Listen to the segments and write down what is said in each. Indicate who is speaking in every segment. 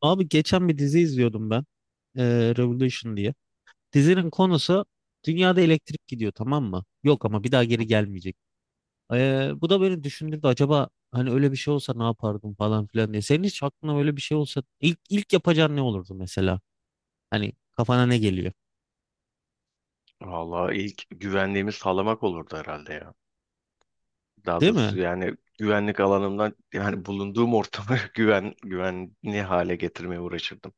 Speaker 1: Abi geçen bir dizi izliyordum ben. Revolution diye. Dizinin konusu dünyada elektrik gidiyor, tamam mı? Yok, ama bir daha geri
Speaker 2: Hı.
Speaker 1: gelmeyecek. Bu da beni düşündürdü. Acaba hani öyle bir şey olsa ne yapardım falan filan diye. Senin hiç aklına öyle bir şey olsa ilk yapacağın ne olurdu mesela? Hani kafana ne geliyor?
Speaker 2: Vallahi ilk güvenliğimi sağlamak olurdu herhalde ya. Daha
Speaker 1: Değil
Speaker 2: doğrusu
Speaker 1: mi?
Speaker 2: yani güvenlik alanımdan yani bulunduğum ortamı güvenli hale getirmeye uğraşırdım.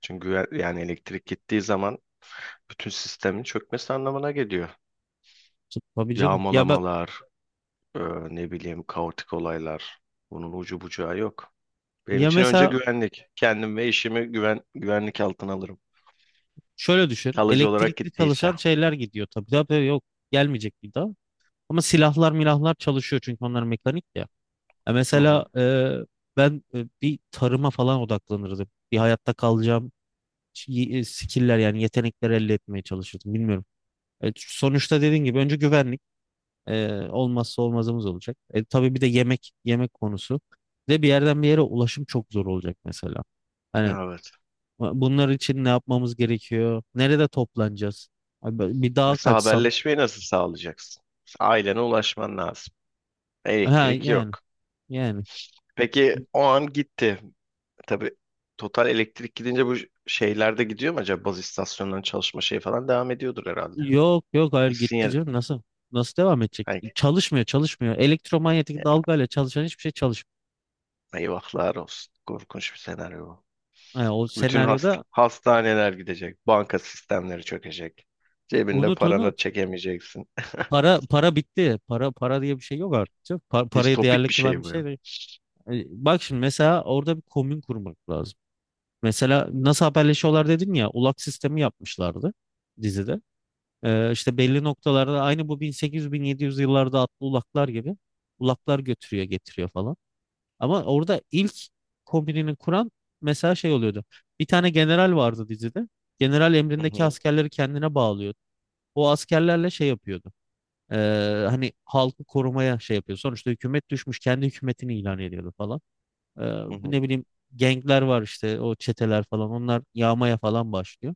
Speaker 2: Çünkü güven, yani elektrik gittiği zaman bütün sistemin çökmesi anlamına geliyor.
Speaker 1: Tabii canım. Ya bak,
Speaker 2: Yağmalamalar, e, ne bileyim kaotik olaylar. Bunun ucu bucağı yok. Benim
Speaker 1: ya
Speaker 2: için önce
Speaker 1: mesela
Speaker 2: güvenlik. Kendim ve işimi güvenlik altına alırım.
Speaker 1: şöyle düşün.
Speaker 2: Kalıcı olarak
Speaker 1: Elektrikli
Speaker 2: gittiyse.
Speaker 1: çalışan şeyler gidiyor tabii. Tabii, yok gelmeyecek bir daha. Ama silahlar milahlar çalışıyor çünkü onlar mekanik ya. Ya
Speaker 2: Hı
Speaker 1: mesela
Speaker 2: hı.
Speaker 1: ben bir tarıma falan odaklanırdım. Bir hayatta kalacağım skill'ler, yani yetenekler elde etmeye çalışırdım. Bilmiyorum. Sonuçta dediğin gibi önce güvenlik olmazsa olmazımız olacak. Tabii bir de yemek yemek konusu. Bir de bir yerden bir yere ulaşım çok zor olacak mesela. Hani
Speaker 2: Evet.
Speaker 1: bunlar için ne yapmamız gerekiyor? Nerede toplanacağız? Abi, bir dağa
Speaker 2: Mesela
Speaker 1: kaçsam.
Speaker 2: haberleşmeyi nasıl sağlayacaksın? Mesela ailene ulaşman lazım.
Speaker 1: Ha
Speaker 2: Elektrik
Speaker 1: yani,
Speaker 2: yok.
Speaker 1: yani.
Speaker 2: Peki o an gitti. Tabii total elektrik gidince bu şeyler de gidiyor mu acaba? Baz istasyonlarının çalışma şeyi falan devam ediyordur herhalde.
Speaker 1: Yok yok, hayır, gitti
Speaker 2: Sinyal,
Speaker 1: canım. Nasıl? Nasıl devam edecek?
Speaker 2: ay,
Speaker 1: Çalışmıyor, çalışmıyor. Elektromanyetik dalgayla çalışan hiçbir şey çalışmıyor.
Speaker 2: eyvahlar olsun. Korkunç bir senaryo bu.
Speaker 1: Yani o
Speaker 2: Bütün hasta,
Speaker 1: senaryoda
Speaker 2: hastaneler gidecek. Banka sistemleri çökecek. Cebinde
Speaker 1: unut,
Speaker 2: paranı
Speaker 1: unut.
Speaker 2: çekemeyeceksin.
Speaker 1: Para para bitti. Para para diye bir şey yok artık, canım. Parayı
Speaker 2: Distopik
Speaker 1: değerli
Speaker 2: bir
Speaker 1: kılan
Speaker 2: şey
Speaker 1: bir
Speaker 2: bu
Speaker 1: şey
Speaker 2: ya.
Speaker 1: değil. Bak şimdi, mesela orada bir komün kurmak lazım. Mesela nasıl haberleşiyorlar dedin ya, ulak sistemi yapmışlardı dizide. İşte belli noktalarda, aynı bu 1800-1700 yıllarda atlı ulaklar gibi, ulaklar götürüyor getiriyor falan. Ama orada ilk kombinini kuran mesela şey oluyordu. Bir tane general vardı dizide. General
Speaker 2: Hı
Speaker 1: emrindeki
Speaker 2: hı,
Speaker 1: askerleri kendine bağlıyordu. O askerlerle şey yapıyordu. Ee, Hani halkı korumaya şey yapıyor. Sonuçta hükümet düşmüş, kendi hükümetini ilan ediyordu falan. Ee,
Speaker 2: hı hı.
Speaker 1: Ne bileyim, gengler var işte, o çeteler falan. Onlar yağmaya falan başlıyor.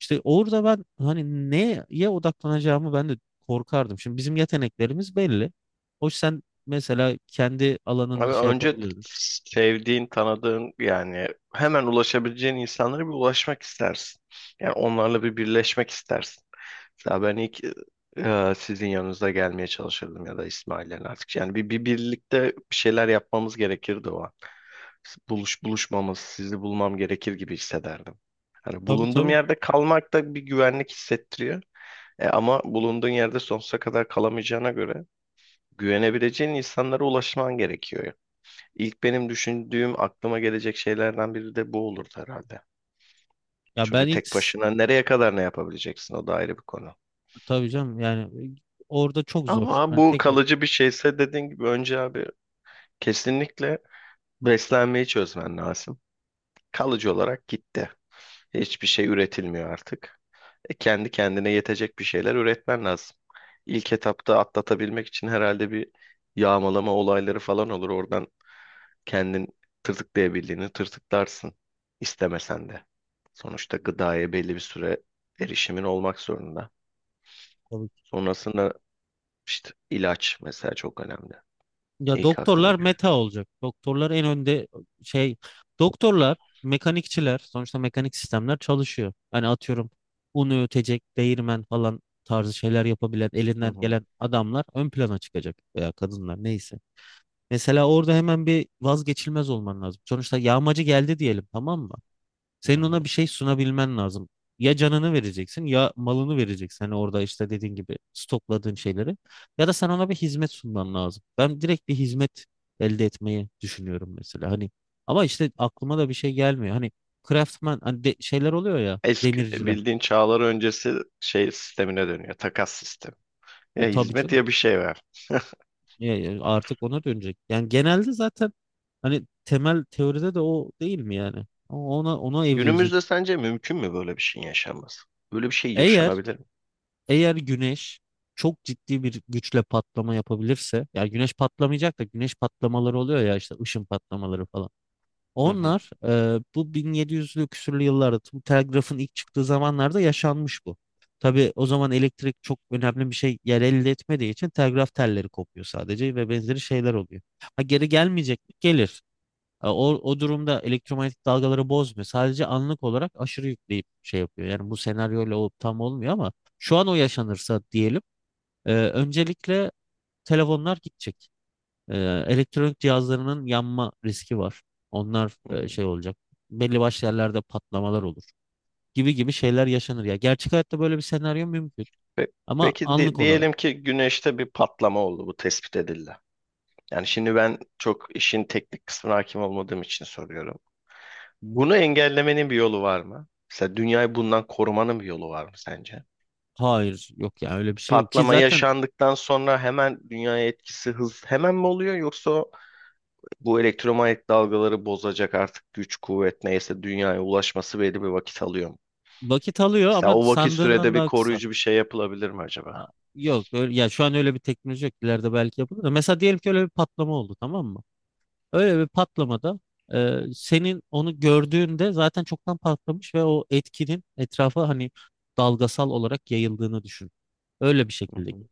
Speaker 1: İşte orada ben, hani neye odaklanacağımı ben de korkardım. Şimdi bizim yeteneklerimiz belli. Hoş, sen mesela kendi alanında
Speaker 2: Abi
Speaker 1: şey
Speaker 2: önce
Speaker 1: yapabilirdin.
Speaker 2: sevdiğin, tanıdığın yani hemen ulaşabileceğin insanlara bir ulaşmak istersin. Yani onlarla bir birleşmek istersin. Mesela ben ilk sizin yanınıza gelmeye çalışırdım ya da İsmail'le artık. Yani bir birlikte bir şeyler yapmamız gerekirdi o an. Buluşmamız, sizi bulmam gerekir gibi hissederdim. Hani
Speaker 1: Tabii,
Speaker 2: bulunduğum
Speaker 1: tabii.
Speaker 2: yerde kalmak da bir güvenlik hissettiriyor. Ama bulunduğun yerde sonsuza kadar kalamayacağına göre güvenebileceğin insanlara ulaşman gerekiyor. İlk benim düşündüğüm aklıma gelecek şeylerden biri de bu olurdu herhalde.
Speaker 1: Ya ben
Speaker 2: Çünkü
Speaker 1: ilk
Speaker 2: tek başına nereye kadar ne yapabileceksin o da ayrı bir konu.
Speaker 1: tabii canım, yani orada çok zor.
Speaker 2: Ama
Speaker 1: Yani
Speaker 2: bu
Speaker 1: tek başına,
Speaker 2: kalıcı bir şeyse dediğin gibi önce abi kesinlikle beslenmeyi çözmen lazım. Kalıcı olarak gitti. Hiçbir şey üretilmiyor artık. Kendi kendine yetecek bir şeyler üretmen lazım. İlk etapta atlatabilmek için herhalde bir yağmalama olayları falan olur. Oradan kendin tırtıklayabildiğini tırtıklarsın istemesen de. Sonuçta gıdaya belli bir süre erişimin olmak zorunda.
Speaker 1: tabii ki.
Speaker 2: Sonrasında işte ilaç mesela çok önemli.
Speaker 1: Ya
Speaker 2: İlk aklıma
Speaker 1: doktorlar
Speaker 2: gelen.
Speaker 1: meta olacak. Doktorlar en önde. e, şey Doktorlar, mekanikçiler, sonuçta mekanik sistemler çalışıyor. Hani atıyorum, un öğütecek, değirmen falan tarzı şeyler yapabilen,
Speaker 2: Hı
Speaker 1: elinden
Speaker 2: hı,
Speaker 1: gelen adamlar ön plana çıkacak veya kadınlar, neyse. Mesela orada hemen bir vazgeçilmez olman lazım. Sonuçta yağmacı geldi diyelim, tamam mı?
Speaker 2: hı
Speaker 1: Senin
Speaker 2: hı.
Speaker 1: ona bir şey sunabilmen lazım. Ya canını vereceksin ya malını vereceksin. Hani orada işte, dediğin gibi stokladığın şeyleri. Ya da sen ona bir hizmet sunman lazım. Ben direkt bir hizmet elde etmeyi düşünüyorum mesela. Hani, ama işte aklıma da bir şey gelmiyor. Hani craftman, hani şeyler oluyor ya,
Speaker 2: Eski
Speaker 1: demirciler.
Speaker 2: bildiğin çağlar öncesi şey sistemine dönüyor. Takas sistemi. Ya
Speaker 1: Tabii
Speaker 2: hizmet
Speaker 1: canım.
Speaker 2: ya bir şey ver.
Speaker 1: Ya artık ona dönecek. Yani genelde zaten, hani temel teoride de o, değil mi yani? Ona evrilecek.
Speaker 2: Günümüzde sence mümkün mü böyle bir şeyin yaşanması? Böyle bir şey
Speaker 1: Eğer
Speaker 2: yaşanabilir mi?
Speaker 1: Eğer güneş çok ciddi bir güçle patlama yapabilirse, yani güneş patlamayacak da, güneş patlamaları oluyor ya işte, ışın patlamaları falan.
Speaker 2: Hı hı,
Speaker 1: Onlar, bu 1700'lü küsürlü yıllarda, bu telgrafın ilk çıktığı zamanlarda yaşanmış bu. Tabii o zaman elektrik çok önemli bir şey yer elde etmediği için telgraf telleri kopuyor sadece ve benzeri şeyler oluyor. Ha, geri gelmeyecek mi? Gelir. O durumda elektromanyetik dalgaları bozmuyor. Sadece anlık olarak aşırı yükleyip şey yapıyor. Yani bu senaryoyla o tam olmuyor, ama şu an o yaşanırsa diyelim, öncelikle telefonlar gidecek. E, Elektronik cihazlarının yanma riski var. Onlar
Speaker 2: hı hı.
Speaker 1: şey olacak. Belli başlı yerlerde patlamalar olur. Gibi gibi şeyler yaşanır ya. Gerçek hayatta böyle bir senaryo mümkün.
Speaker 2: Pe-
Speaker 1: Ama
Speaker 2: Peki
Speaker 1: anlık olarak.
Speaker 2: diyelim ki güneşte bir patlama oldu. Bu tespit edildi. Yani şimdi ben çok işin teknik kısmına hakim olmadığım için soruyorum. Bunu engellemenin bir yolu var mı? Mesela dünyayı bundan korumanın bir yolu var mı sence?
Speaker 1: Hayır, yok ya, öyle bir şey yok. Ki
Speaker 2: Patlama
Speaker 1: zaten
Speaker 2: yaşandıktan sonra hemen dünyaya etkisi hemen mi oluyor yoksa bu elektromanyetik dalgaları bozacak artık güç kuvvet neyse dünyaya ulaşması belli bir vakit alıyor mu?
Speaker 1: vakit alıyor,
Speaker 2: Mesela
Speaker 1: ama
Speaker 2: o vakit sürede
Speaker 1: sandığından
Speaker 2: bir
Speaker 1: daha kısa.
Speaker 2: koruyucu bir şey yapılabilir mi acaba?
Speaker 1: A- Yok öyle, ya şu an öyle bir teknoloji yok. İleride belki yapılır da. Mesela diyelim ki öyle bir patlama oldu, tamam mı? Öyle bir patlamada senin onu gördüğünde zaten çoktan patlamış ve o etkinin etrafa, hani dalgasal olarak yayıldığını düşün. Öyle bir
Speaker 2: Hı
Speaker 1: şekilde git.
Speaker 2: hı.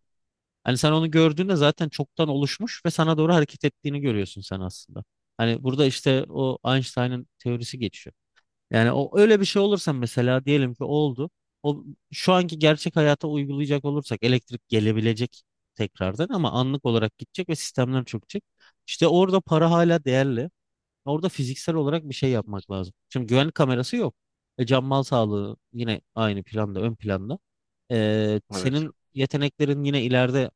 Speaker 1: Hani sen onu gördüğünde zaten çoktan oluşmuş ve sana doğru hareket ettiğini görüyorsun sen aslında. Hani burada işte o Einstein'ın teorisi geçiyor. Yani o, öyle bir şey olursa, mesela diyelim ki oldu. O, şu anki gerçek hayata uygulayacak olursak, elektrik gelebilecek tekrardan, ama anlık olarak gidecek ve sistemler çökecek. İşte orada para hala değerli. Orada fiziksel olarak bir şey yapmak lazım. Şimdi güvenlik kamerası yok. Can mal sağlığı yine aynı planda, ön planda.
Speaker 2: Evet.
Speaker 1: Senin yeteneklerin yine ileride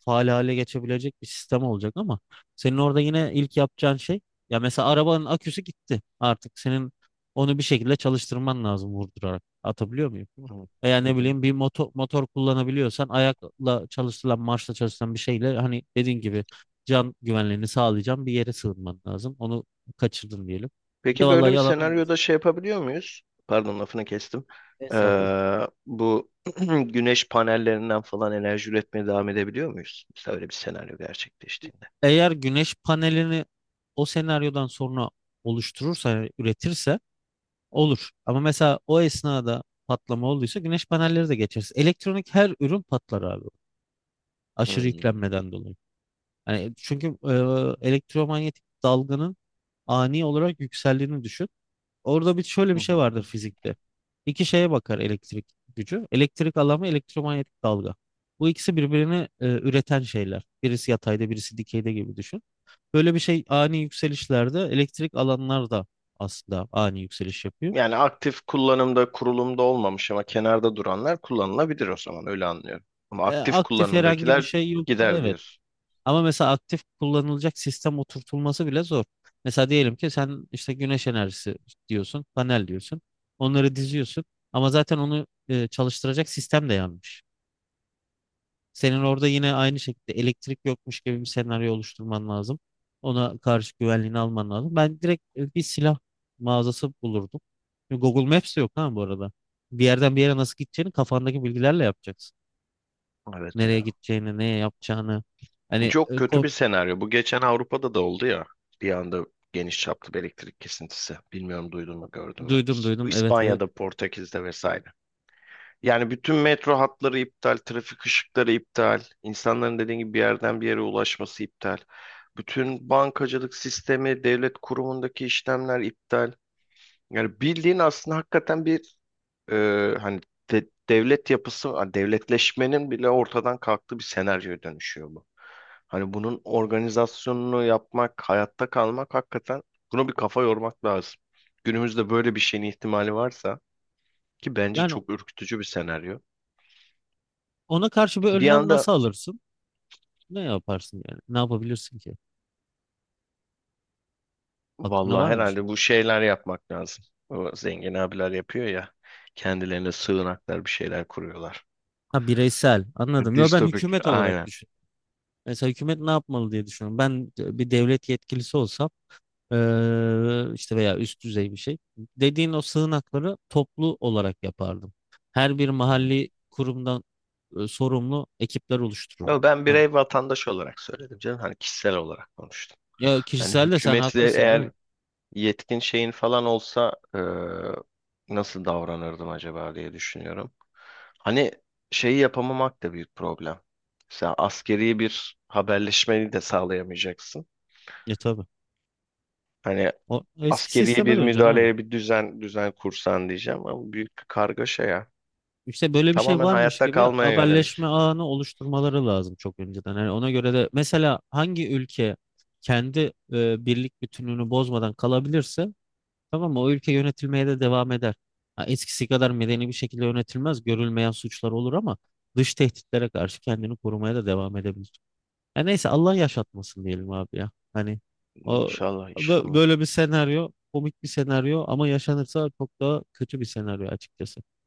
Speaker 1: faal hale geçebilecek bir sistem olacak, ama senin orada yine ilk yapacağın şey, ya mesela arabanın aküsü gitti. Artık senin onu bir şekilde çalıştırman lazım, vurdurarak. Atabiliyor muyum?
Speaker 2: Hı hı.
Speaker 1: Veya
Speaker 2: Hı
Speaker 1: ne
Speaker 2: hı.
Speaker 1: bileyim, bir motor kullanabiliyorsan, ayakla çalıştırılan, marşla çalıştırılan bir şeyle, hani dediğin gibi can güvenliğini sağlayacağım bir yere sığınman lazım. Onu kaçırdın diyelim. Bir de
Speaker 2: Peki böyle
Speaker 1: vallahi
Speaker 2: bir
Speaker 1: yalan olmaz.
Speaker 2: senaryoda şey yapabiliyor muyuz? Pardon lafını kestim. Ee,
Speaker 1: Hesaplı.
Speaker 2: bu güneş panellerinden falan enerji üretmeye devam edebiliyor muyuz? Mesela öyle bir senaryo gerçekleştiğinde.
Speaker 1: Eğer güneş panelini o senaryodan sonra oluşturursa, yani üretirse olur. Ama mesela o esnada patlama olduysa güneş panelleri de geçeriz. Elektronik her ürün patlar abi. Aşırı
Speaker 2: Hmm.
Speaker 1: yüklenmeden dolayı. Yani çünkü elektromanyetik dalganın ani olarak yükseldiğini düşün. Orada bir, şöyle
Speaker 2: Hı
Speaker 1: bir şey
Speaker 2: hı.
Speaker 1: vardır fizikte. İki şeye bakar elektrik gücü. Elektrik alanı, elektromanyetik dalga. Bu ikisi birbirini üreten şeyler. Birisi yatayda, birisi dikeyde gibi düşün. Böyle bir şey ani yükselişlerde, elektrik alanlar da aslında ani yükseliş yapıyor.
Speaker 2: Yani aktif kullanımda kurulumda olmamış ama kenarda duranlar kullanılabilir o zaman öyle anlıyorum. Ama aktif
Speaker 1: Aktif herhangi bir
Speaker 2: kullanımdakiler
Speaker 1: şey yoksa
Speaker 2: gider
Speaker 1: evet.
Speaker 2: diyorsun.
Speaker 1: Ama mesela aktif kullanılacak sistem oturtulması bile zor. Mesela diyelim ki sen işte güneş enerjisi diyorsun, panel diyorsun. Onları diziyorsun. Ama zaten onu çalıştıracak sistem de yanmış. Senin orada yine aynı şekilde elektrik yokmuş gibi bir senaryo oluşturman lazım. Ona karşı güvenliğini alman lazım. Ben direkt bir silah mağazası bulurdum. Google Maps de yok ha, bu arada. Bir yerden bir yere nasıl gideceğini kafandaki bilgilerle yapacaksın.
Speaker 2: Evet
Speaker 1: Nereye
Speaker 2: ya.
Speaker 1: gideceğini, ne yapacağını. Hani
Speaker 2: Çok kötü bir senaryo. Bu geçen Avrupa'da da oldu ya. Bir anda geniş çaplı bir elektrik kesintisi. Bilmiyorum duydun mu gördün mü?
Speaker 1: duydum
Speaker 2: Bu
Speaker 1: duydum, evet evet.
Speaker 2: İspanya'da, Portekiz'de vesaire. Yani bütün metro hatları iptal, trafik ışıkları iptal, insanların dediğin gibi bir yerden bir yere ulaşması iptal. Bütün bankacılık sistemi, devlet kurumundaki işlemler iptal. Yani bildiğin aslında hakikaten bir hani devlet yapısı, hani devletleşmenin bile ortadan kalktığı bir senaryoya dönüşüyor bu. Hani bunun organizasyonunu yapmak, hayatta kalmak hakikaten buna bir kafa yormak lazım. Günümüzde böyle bir şeyin ihtimali varsa ki bence
Speaker 1: Yani
Speaker 2: çok ürkütücü bir senaryo.
Speaker 1: ona karşı bir
Speaker 2: Bir
Speaker 1: önlem
Speaker 2: anda
Speaker 1: nasıl alırsın? Ne yaparsın yani? Ne yapabilirsin ki? Aklında
Speaker 2: vallahi
Speaker 1: var mı bir şey?
Speaker 2: herhalde bu şeyler yapmak lazım. O zengin abiler yapıyor ya kendilerine sığınaklar bir şeyler kuruyorlar.
Speaker 1: Ha, bireysel, anladım. Yo, ben
Speaker 2: Distopik
Speaker 1: hükümet olarak
Speaker 2: aynen.
Speaker 1: düşün. Mesela hükümet ne yapmalı diye düşünüyorum. Ben bir devlet yetkilisi olsam, işte, veya üst düzey bir şey. Dediğin o sığınakları toplu olarak yapardım. Her bir
Speaker 2: Hı hı.
Speaker 1: mahalli kurumdan sorumlu ekipler oluştururdum.
Speaker 2: Ama ben
Speaker 1: Hani,
Speaker 2: birey vatandaş olarak söyledim canım. Hani kişisel olarak konuştum.
Speaker 1: ya
Speaker 2: Yani
Speaker 1: kişisel de sen
Speaker 2: hükümetle
Speaker 1: haklısın
Speaker 2: eğer
Speaker 1: canım.
Speaker 2: yetkin şeyin falan olsa nasıl davranırdım acaba diye düşünüyorum. Hani şeyi yapamamak da büyük problem. Mesela askeri bir haberleşmeyi de sağlayamayacaksın.
Speaker 1: Ya, tabii.
Speaker 2: Hani
Speaker 1: O eski
Speaker 2: askeri
Speaker 1: sisteme
Speaker 2: bir
Speaker 1: döneceksin abi.
Speaker 2: müdahaleye bir düzen kursan diyeceğim ama büyük bir kargaşa ya.
Speaker 1: İşte böyle bir şey
Speaker 2: Tamamen
Speaker 1: varmış
Speaker 2: hayatta
Speaker 1: gibi
Speaker 2: kalmaya yönelik.
Speaker 1: haberleşme ağını oluşturmaları lazım çok önceden. Yani ona göre de mesela hangi ülke kendi birlik bütünlüğünü bozmadan kalabilirse, tamam mı, o ülke yönetilmeye de devam eder. Ha, eskisi kadar medeni bir şekilde yönetilmez, görülmeyen suçlar olur, ama dış tehditlere karşı kendini korumaya da devam edebilir. Ya neyse, Allah yaşatmasın diyelim abi ya. Hani o
Speaker 2: İnşallah inşallah.
Speaker 1: böyle bir senaryo, komik bir senaryo ama yaşanırsa çok daha kötü bir senaryo açıkçası.